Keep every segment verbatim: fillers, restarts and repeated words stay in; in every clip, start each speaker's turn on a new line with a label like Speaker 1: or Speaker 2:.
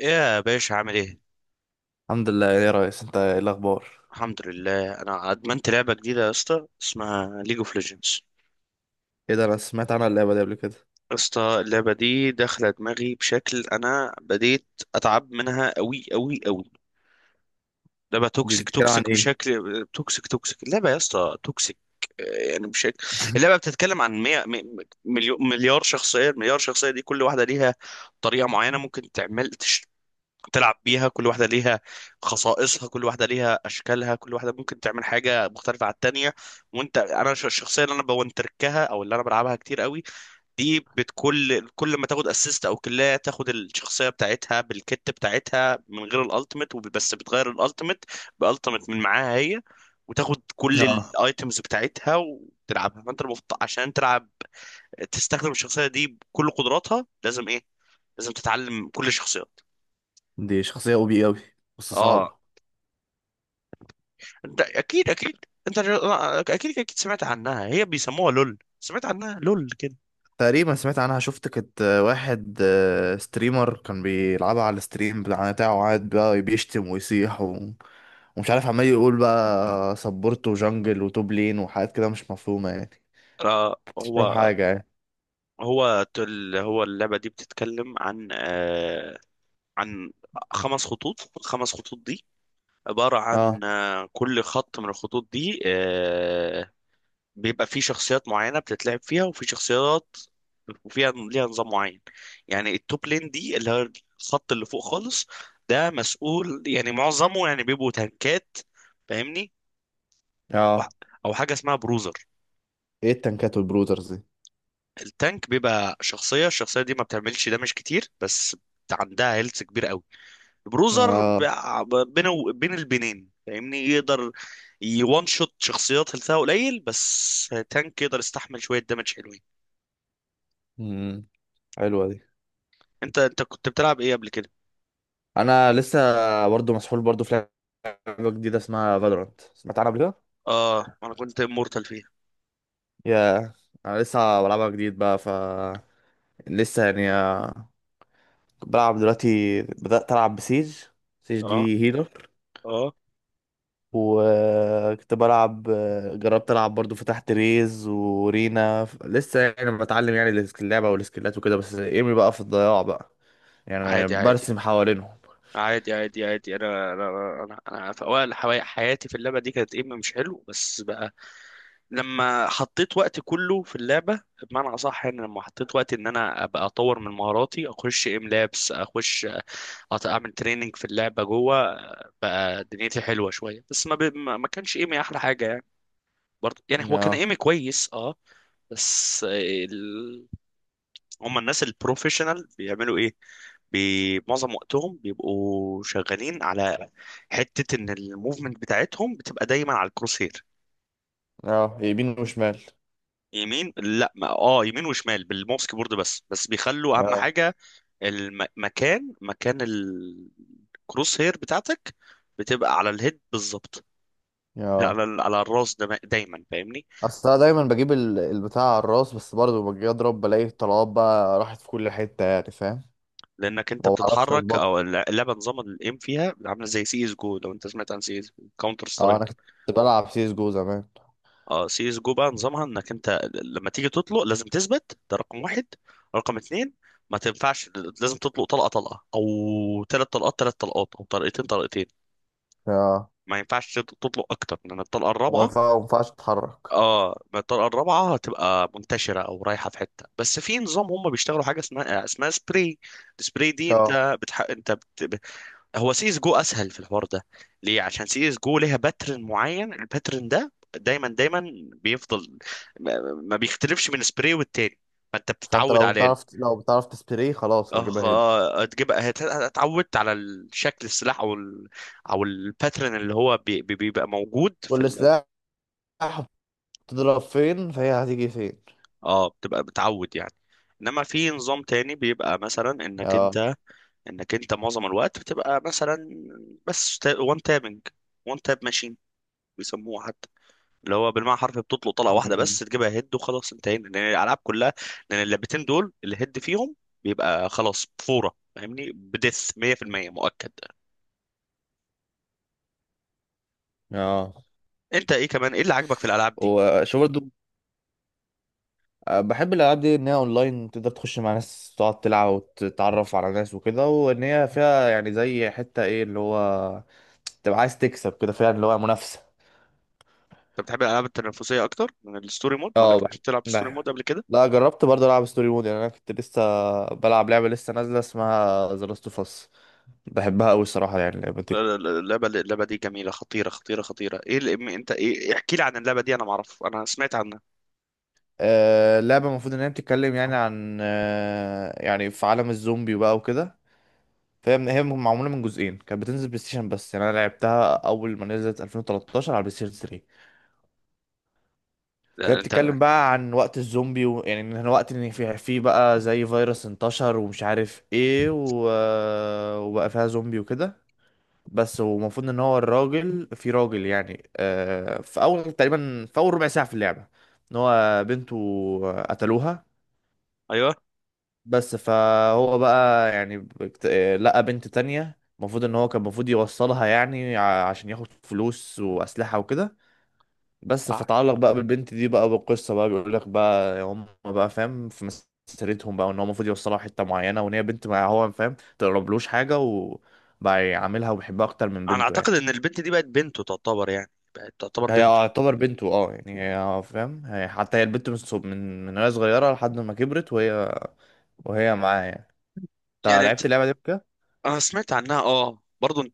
Speaker 1: يا باشا، عامل ايه؟
Speaker 2: الحمد لله يا ريس، انت ايه الاخبار؟
Speaker 1: الحمد لله. انا ادمنت لعبه جديده يا اسطى، اسمها ليج اوف ليجندز.
Speaker 2: ايه ده، انا سمعت عنها اللعبه دي قبل كده.
Speaker 1: يا اسطى اللعبه دي داخله دماغي بشكل، انا بديت اتعب منها قوي قوي قوي. لعبه
Speaker 2: دي
Speaker 1: توكسيك،
Speaker 2: بتتكلم عن
Speaker 1: توكسيك
Speaker 2: ايه؟
Speaker 1: بشكل، توكسيك توكسيك اللعبه يا اسطى، توكسيك. آه، يعني بشكل اللعبه بتتكلم عن مية مليون مليار شخصيه. المليار شخصيه دي كل واحده ليها طريقه معينه ممكن تعمل، تلعب بيها. كل واحدة ليها خصائصها، كل واحدة ليها أشكالها، كل واحدة ممكن تعمل حاجة مختلفة عن التانية. وأنت، أنا ش- الشخصية اللي أنا بونتركها أو اللي أنا بلعبها كتير قوي دي، بتكل كل ما تاخد اسيست أو كلاية، تاخد الشخصية بتاعتها بالكت بتاعتها من غير الألتيميت، وبس بتغير الألتيميت بألتيميت من معاها هي، وتاخد كل
Speaker 2: اه،
Speaker 1: الايتمز بتاعتها وتلعبها. فانت المفروض عشان تلعب تستخدم الشخصيه دي بكل قدراتها لازم ايه؟ لازم تتعلم كل الشخصيات.
Speaker 2: دي شخصيه او بي اوي بس
Speaker 1: اه،
Speaker 2: صعبه.
Speaker 1: ده اكيد اكيد. انت ج- اكيد اكيد سمعت عنها، هي بيسموها لول، سمعت عنها لول كده.
Speaker 2: تقريبا سمعت عنها، شفت كانت واحد آه، ستريمر كان بيلعبها على الستريم بتاع- بتاعه، وقعد بقى بيشتم ويصيح و... ومش عارف، عمال يقول بقى سبورت وجنجل وتوب لين وحاجات كده مش مفهومه يعني.
Speaker 1: آه.
Speaker 2: مش فاهم
Speaker 1: هو
Speaker 2: حاجه يعني.
Speaker 1: هو تل هو اللعبة دي بتتكلم عن آه عن خمس خطوط. الخمس خطوط دي عبارة
Speaker 2: اه.
Speaker 1: عن آه كل خط من الخطوط دي آه بيبقى فيه شخصيات معينة بتتلعب فيها، وفي شخصيات وفيها ليها نظام معين. يعني التوب لين دي اللي هو الخط اللي فوق خالص، ده مسؤول، يعني معظمه يعني بيبقوا تانكات، فاهمني،
Speaker 2: اه.
Speaker 1: او حاجه اسمها بروزر.
Speaker 2: ايه التنكات والبروترز دي؟
Speaker 1: التانك بيبقى شخصيه، الشخصيه دي ما بتعملش دامج كتير، بس عندها هيلث كبير قوي. البروزر
Speaker 2: اه.
Speaker 1: بقى بين بين البنين فاهمني، يقدر يوان شوت شخصيات هيلثها قليل، بس تانك يقدر يستحمل شويه دامج حلوين.
Speaker 2: امم، حلوه دي.
Speaker 1: انت انت كنت بتلعب ايه قبل كده؟
Speaker 2: انا لسه برضو مسحول، برضو في لعبة جديدة اسمها فالورانت، سمعت عنها قبل كده؟
Speaker 1: اه، انا كنت مورتال فيها.
Speaker 2: يا، أنا لسه بلعبها جديد بقى، ف لسه يعني آه، بلعب دلوقتي، بدأت ألعب بسيج. سيج
Speaker 1: اه،
Speaker 2: دي هيلر.
Speaker 1: اه.
Speaker 2: وكنت بلعب، آه، جربت ألعب برضو، فتحت ريز ورينا ف- لسه يعني بتعلم يعني السك- اللعبة والسكيلات وكده، بس ايمي بقى في الضياع بقى. يعني
Speaker 1: عادي عادي،
Speaker 2: برسم حوالينهم.
Speaker 1: عادي عادي عادي. انا انا انا, أنا في اوائل حوا- حياتي في اللعبه دي كانت ايم مش حلو، بس بقى لما حطيت وقت كله في اللعبه، بمعنى اصح يعني لما حطيت وقت ان انا ابقى اطور من مهاراتي، اخش ام لابس اخش أط- اعمل تريننج في اللعبه جوه، بقى دنيتي حلوه شويه. بس ما ب... ما ما كانش ايمي احلى حاجه يعني، برضه يعني هو كان
Speaker 2: اه.
Speaker 1: ايمي كويس. اه. بس هم الناس البروفيشنال بيعملوا ايه؟ بي- معظم وقتهم بيبقوا شغالين على حتة ان الموفمنت بتاعتهم بتبقى دايما على الكروسير.
Speaker 2: اه، يمين وشمال.
Speaker 1: يمين، لا، ما اه، يمين وشمال بالماوس كيبورد، بس بس بيخلوا اهم
Speaker 2: اه.
Speaker 1: حاجة المكان، مكان الكروس هير بتاعتك، بتبقى على الهيد بالظبط،
Speaker 2: اه،
Speaker 1: على ال- على الراس ده دايما، فاهمني.
Speaker 2: اصل انا دايما بجيب ال- البتاع على الراس، بس برضه لما باجي اضرب بلاقي الطلبات بقى راحت في كل حته يعني، فاهم.
Speaker 1: لانك انت
Speaker 2: ما بعرفش
Speaker 1: بتتحرك،
Speaker 2: اظبط.
Speaker 1: او اللعبه نظام الايم فيها عامله زي سي اس جو. لو انت سمعت عن سي اس، كاونتر
Speaker 2: اه، انا
Speaker 1: سترايك.
Speaker 2: كنت بلعب سيس جو زمان.
Speaker 1: اه، سي اس جو بقى نظامها انك انت ل- لما تيجي تطلق لازم تثبت، ده رقم واحد. رقم اتنين، ما تنفعش، لازم تطلق طلقه طلقه، او ثلاث طلقات ثلاث طلقات، او طلقتين طلقتين.
Speaker 2: اه.
Speaker 1: ما ينفعش تط- تطلق اكتر، لان الطلقه
Speaker 2: وما
Speaker 1: الرابعه،
Speaker 2: ينفع- ما ينفعش تتحرك.
Speaker 1: اه، ما الطلقه الرابعه هتبقى منتشره او رايحه في حته. بس في نظام هم بيشتغلوا حاجه اسمها اسمها سبراي. السبراي دي
Speaker 2: اه،
Speaker 1: انت بتح... انت بت... هو سي اس جو اسهل في الحوار ده. ليه؟ عشان سي اس جو ليها باترن معين، الباترن ده دايما دايما بيفضل ما ما بيختلفش من سبراي والتاني، فانت
Speaker 2: فانت
Speaker 1: بتتعود
Speaker 2: لو بتعرف
Speaker 1: عليه.
Speaker 2: لو بتعرف تسبري خلاص
Speaker 1: اه.
Speaker 2: هتجيبها هيد.
Speaker 1: آه، هتجيب هت- اتعودت على الشكل السلاح او ال... او الباترن اللي هو بي... بي- بيبقى موجود في
Speaker 2: كل
Speaker 1: ال...
Speaker 2: سلاح بتضرب فين فهي هتيجي فين.
Speaker 1: اه، بتبقى بتعود يعني. انما في نظام تاني بيبقى مثلا انك
Speaker 2: اه.
Speaker 1: انت، انك انت معظم الوقت بتبقى مثلا بس وان تابنج، وان تاب ماشين بيسموها، اللي هو بالمعنى حرفي بتطلق طلقه واحده بس
Speaker 2: امم.
Speaker 1: تجيبها هيد وخلاص، انتهينا، لان الالعاب كلها، لان اللعبتين دول الهيد فيهم بيبقى خلاص فوره، فاهمني، بدث مية في المية مؤكد.
Speaker 2: اه.
Speaker 1: انت ايه كمان، ايه اللي عاجبك في الالعاب دي؟
Speaker 2: وشو برضه. بحب الالعاب دي ان هي اونلاين، تقدر تخش مع ناس تقعد تلعب وتتعرف على ناس وكده، وان هي فيها يعني زي حته ايه اللي هو، تبقى عايز تكسب كده فعلا، اللي هو منافسه.
Speaker 1: انت بتحب الالعاب التنافسيه اكتر من الستوري مود؟ ما
Speaker 2: اه،
Speaker 1: جربتش
Speaker 2: بحب.
Speaker 1: تلعب في ستوري
Speaker 2: بحب.
Speaker 1: مود قبل كده؟
Speaker 2: لا، جربت برضه العب ستوري مود يعني. انا كنت لسه بلعب لعبه لسه نازله اسمها ذا لاست اوف اس. بحبها قوي الصراحه، يعني اللعبه دي
Speaker 1: اللعبه اللعبه دي جميله، خطيره خطيره خطيره. ايه اللي انت، ايه، احكي لي عن اللعبه دي، انا ما اعرف، انا سمعت عنها.
Speaker 2: آه، اللعبه المفروض ان هي بتتكلم يعني عن آه، يعني في عالم الزومبي وبقى وكده. فهي من- هي معموله من جزئين، كانت بتنزل بلاي ستيشن بس، يعني انا لعبتها اول ما نزلت الفين وتلتاشر على بلاي ستيشن. فهي
Speaker 1: لا، انت.
Speaker 2: بتتكلم بقى عن وقت الزومبي و... يعني ان احنا وقت ان في في بقى زي فيروس انتشر ومش عارف ايه و... وبقى فيها زومبي وكده. بس، ومفروض ان هو الراجل، في راجل يعني، آه، في اول تقريبا، في اول ربع ساعة في اللعبة، ان هو بنته قتلوها.
Speaker 1: ايوه.
Speaker 2: بس فهو بقى يعني بكت... آه، لقى بنت تانية، المفروض ان هو كان المفروض يوصلها يعني ع- عشان ياخد فلوس واسلحة وكده بس.
Speaker 1: آه.
Speaker 2: فتعلق بقى بالبنت دي بقى بالقصه بقى، بيقول لك بقى هم بقى، فاهم، في مسيرتهم بقى، ان هو المفروض يوصلها حته معينه، وان هي بنت ما هو فاهم، تقربلوش حاجه، وبقى يعاملها وبيحبها اكتر من
Speaker 1: انا
Speaker 2: بنته
Speaker 1: اعتقد
Speaker 2: يعني.
Speaker 1: ان البنت دي بقت بنته تعتبر، يعني بقت تعتبر
Speaker 2: هي
Speaker 1: بنته.
Speaker 2: يعتبر بنته اه، يعني هي فاهم، هي حتى هي البنت من صغ- من من وهي صغيره لحد ما كبرت وهي وهي معاه يعني. انت
Speaker 1: يعني انت،
Speaker 2: لعبت اللعبه دي بكده؟
Speaker 1: انا سمعت عنها اه برضه.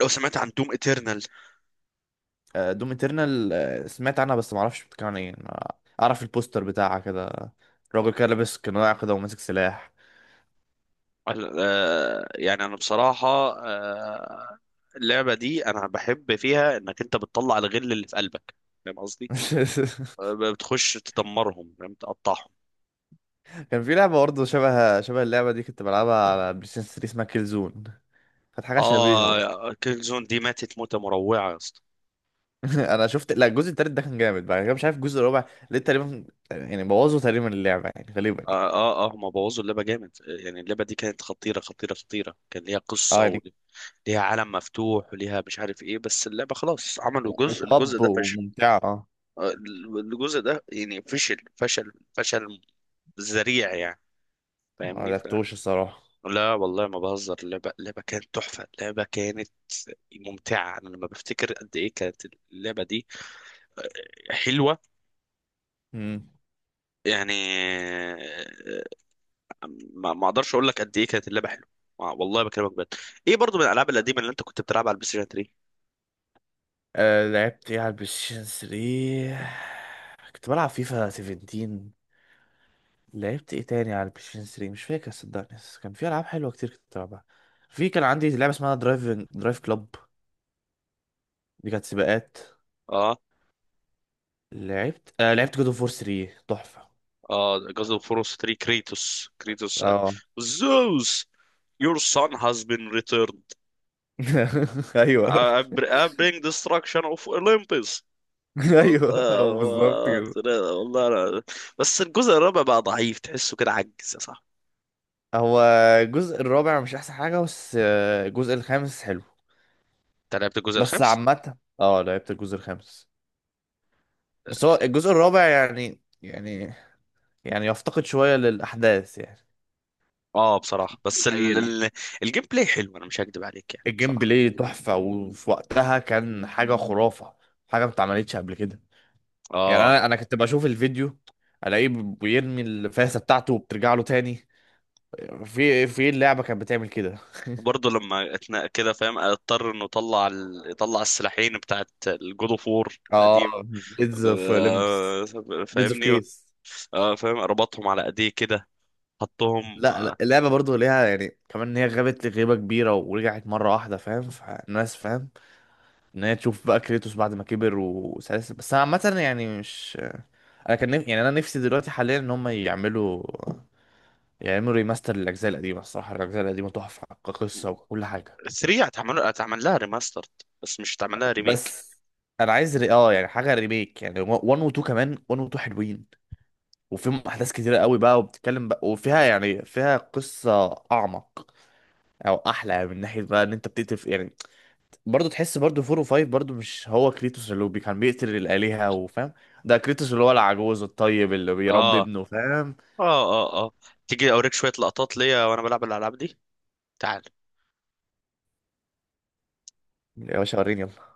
Speaker 1: لو سمعت عن دوم اترنال.
Speaker 2: آه، دوم اترنال آه، سمعت عنها بس ما اعرفش بتتكلم عن ايه. أنا اعرف البوستر بتاعها كده، راجل كده لابس قناع كده وماسك سلاح.
Speaker 1: يعني انا بصراحة، آه، اللعبة دي انا بحب فيها انك انت بتطلع الغل اللي في قلبك، فاهم قصدي؟ آه، بتخش تدمرهم، فاهم، تقطعهم.
Speaker 2: كان في لعبة برضه شبه شبه اللعبة دي كنت بلعبها على بلاي ستيشن تلاتة، اسمها كيل زون. كانت حاجة شبيهة برضه.
Speaker 1: اه، كيل زون دي ماتت موتة مروعة يا اسطى.
Speaker 2: انا شفت، لا الجزء التالت ده كان جامد، بعد كده مش عارف الجزء الرابع ليه تقريبا، يعني بوظوا تقريبا اللعبة يعني غالبا يعني.
Speaker 1: اه اه. آه، هما بوظوا اللعبة جامد. آه، يعني اللعبة دي كانت خطيرة خطيرة خطيرة، كان ليها
Speaker 2: اه
Speaker 1: قصة
Speaker 2: يعني
Speaker 1: وليها عالم مفتوح وليها مش عارف ايه، بس اللعبة خلاص، عملوا جزء الجزء
Speaker 2: طب،
Speaker 1: ده فشل.
Speaker 2: وممتعة اه.
Speaker 1: آه، الجزء ده يعني فشل فشل فشل ذريع يعني،
Speaker 2: ما
Speaker 1: فاهمني ف.
Speaker 2: لعبتوش الصراحة.
Speaker 1: لا والله ما بهزر، اللعبة اللعبة كانت تحفة، اللعبة كانت ممتعة. أنا لما بفتكر قد إيه كانت اللعبة دي حلوة،
Speaker 2: مم.
Speaker 1: يعني، آه، ما ما أقدرش أقول لك قد إيه كانت اللعبة حلوة. آه، والله بكلمك بجد. إيه برضو من الألعاب القديمة اللي أنت كنت بتلعبها على البلاي ستيشن تلاتة؟
Speaker 2: آه، لعبت ايه على البلاي ستيشن تلاتة؟ كنت بلعب فيفا سبعتاشر. لعبت ايه تاني على البلاي ستيشن تلاتة مش فاكر صدقني، بس كان في العاب حلوه كتير كنت بلعبها. في كان عندي لعبه اسمها درايفنج درايف كلوب، دي كانت سباقات.
Speaker 1: آه.
Speaker 2: لعبت آه، لعبت جود اوف وور تلاتة تحفة.
Speaker 1: آه، جاز أوف وور تلاتة، كريتوس، كريتوس. آه،
Speaker 2: اه.
Speaker 1: زوس. Your son has been returned.
Speaker 2: ايوه.
Speaker 1: I br- I bring destruction of Olympus.
Speaker 2: ايوه،
Speaker 1: والله
Speaker 2: هو بالظبط
Speaker 1: هو.
Speaker 2: كده.
Speaker 1: والله أنا. بس الجزء الرابع بقى ضعيف، تحسه كده عجز يا صاحبي.
Speaker 2: هو الجزء الرابع مش احسن حاجة، بس آه، الجزء الخامس حلو.
Speaker 1: انت لعبت الجزء
Speaker 2: بس
Speaker 1: الخامس؟
Speaker 2: عامة، اه لعبت الجزء الخامس، بس هو الجزء الرابع يعني يعني يعني يفتقد شوية للأحداث يعني،
Speaker 1: اه
Speaker 2: أحداث
Speaker 1: بصراحة بس ال...
Speaker 2: قليلة.
Speaker 1: ال... الجيم بلاي حلو، انا مش هكدب عليك يعني
Speaker 2: الجيم
Speaker 1: بصراحة.
Speaker 2: بلاي تحفة وفي وقتها كان حاجة خرافة، حاجة ما اتعملتش قبل كده. يعني
Speaker 1: اه.
Speaker 2: أنا أنا كنت بشوف الفيديو ألاقيه بيرمي الفاسة بتاعته وبترجع له تاني. في في اللعبه كانت بتعمل كده.
Speaker 1: وبرضه لما اتنا كده فاهم، اضطر انه يطلع ال... يطلع السلاحين بتاعت الجود اوف وور القديم.
Speaker 2: اه، بليدز اوف ليمبس،
Speaker 1: آه،
Speaker 2: بليدز اوف
Speaker 1: فاهمني.
Speaker 2: كيس.
Speaker 1: اه فاهم، ربطهم على ايديه كده، حطهم.
Speaker 2: لا
Speaker 1: آه،
Speaker 2: لا، اللعبه برضو ليها يعني كمان ان هي غابت لغيبه كبيره ورجعت مره واحده، فاهم، فالناس فاهم ان هي تشوف بقى كريتوس بعد ما كبر وسلاسل، بس انا عامه يعني مش، انا كان نف... يعني انا نفسي دلوقتي حاليا ان هم يعملوا، يعملوا ريماستر للاجزاء القديمه الصراحه، الاجزاء القديمه تحفه كقصه وكل حاجه.
Speaker 1: تلاتة هتعمل هتعمل لها ريماستر، بس مش هتعمل لها ريميك.
Speaker 2: بس انا عايز ري... اه يعني حاجه ريميك، يعني واحد و اتنين، كمان واحد و اتنين حلوين وفيهم احداث كتيره قوي بقى، وبتتكلم بقى وفيها يعني فيها قصه اعمق او احلى يعني. من ناحيه بقى ان انت بتقتل في- يعني برضه تحس برضه فور وفايف، برضه مش هو كريتوس اللي هو بي- كان بيقتل الالهه وفاهم. ده كريتوس اللي هو العجوز الطيب اللي بيربي
Speaker 1: اه اه
Speaker 2: ابنه، فاهم.
Speaker 1: اه اه. تيجي اوريك شوية لقطات ليا وانا بلعب الالعاب دي. تعال.
Speaker 2: يا باشا وريني يلا.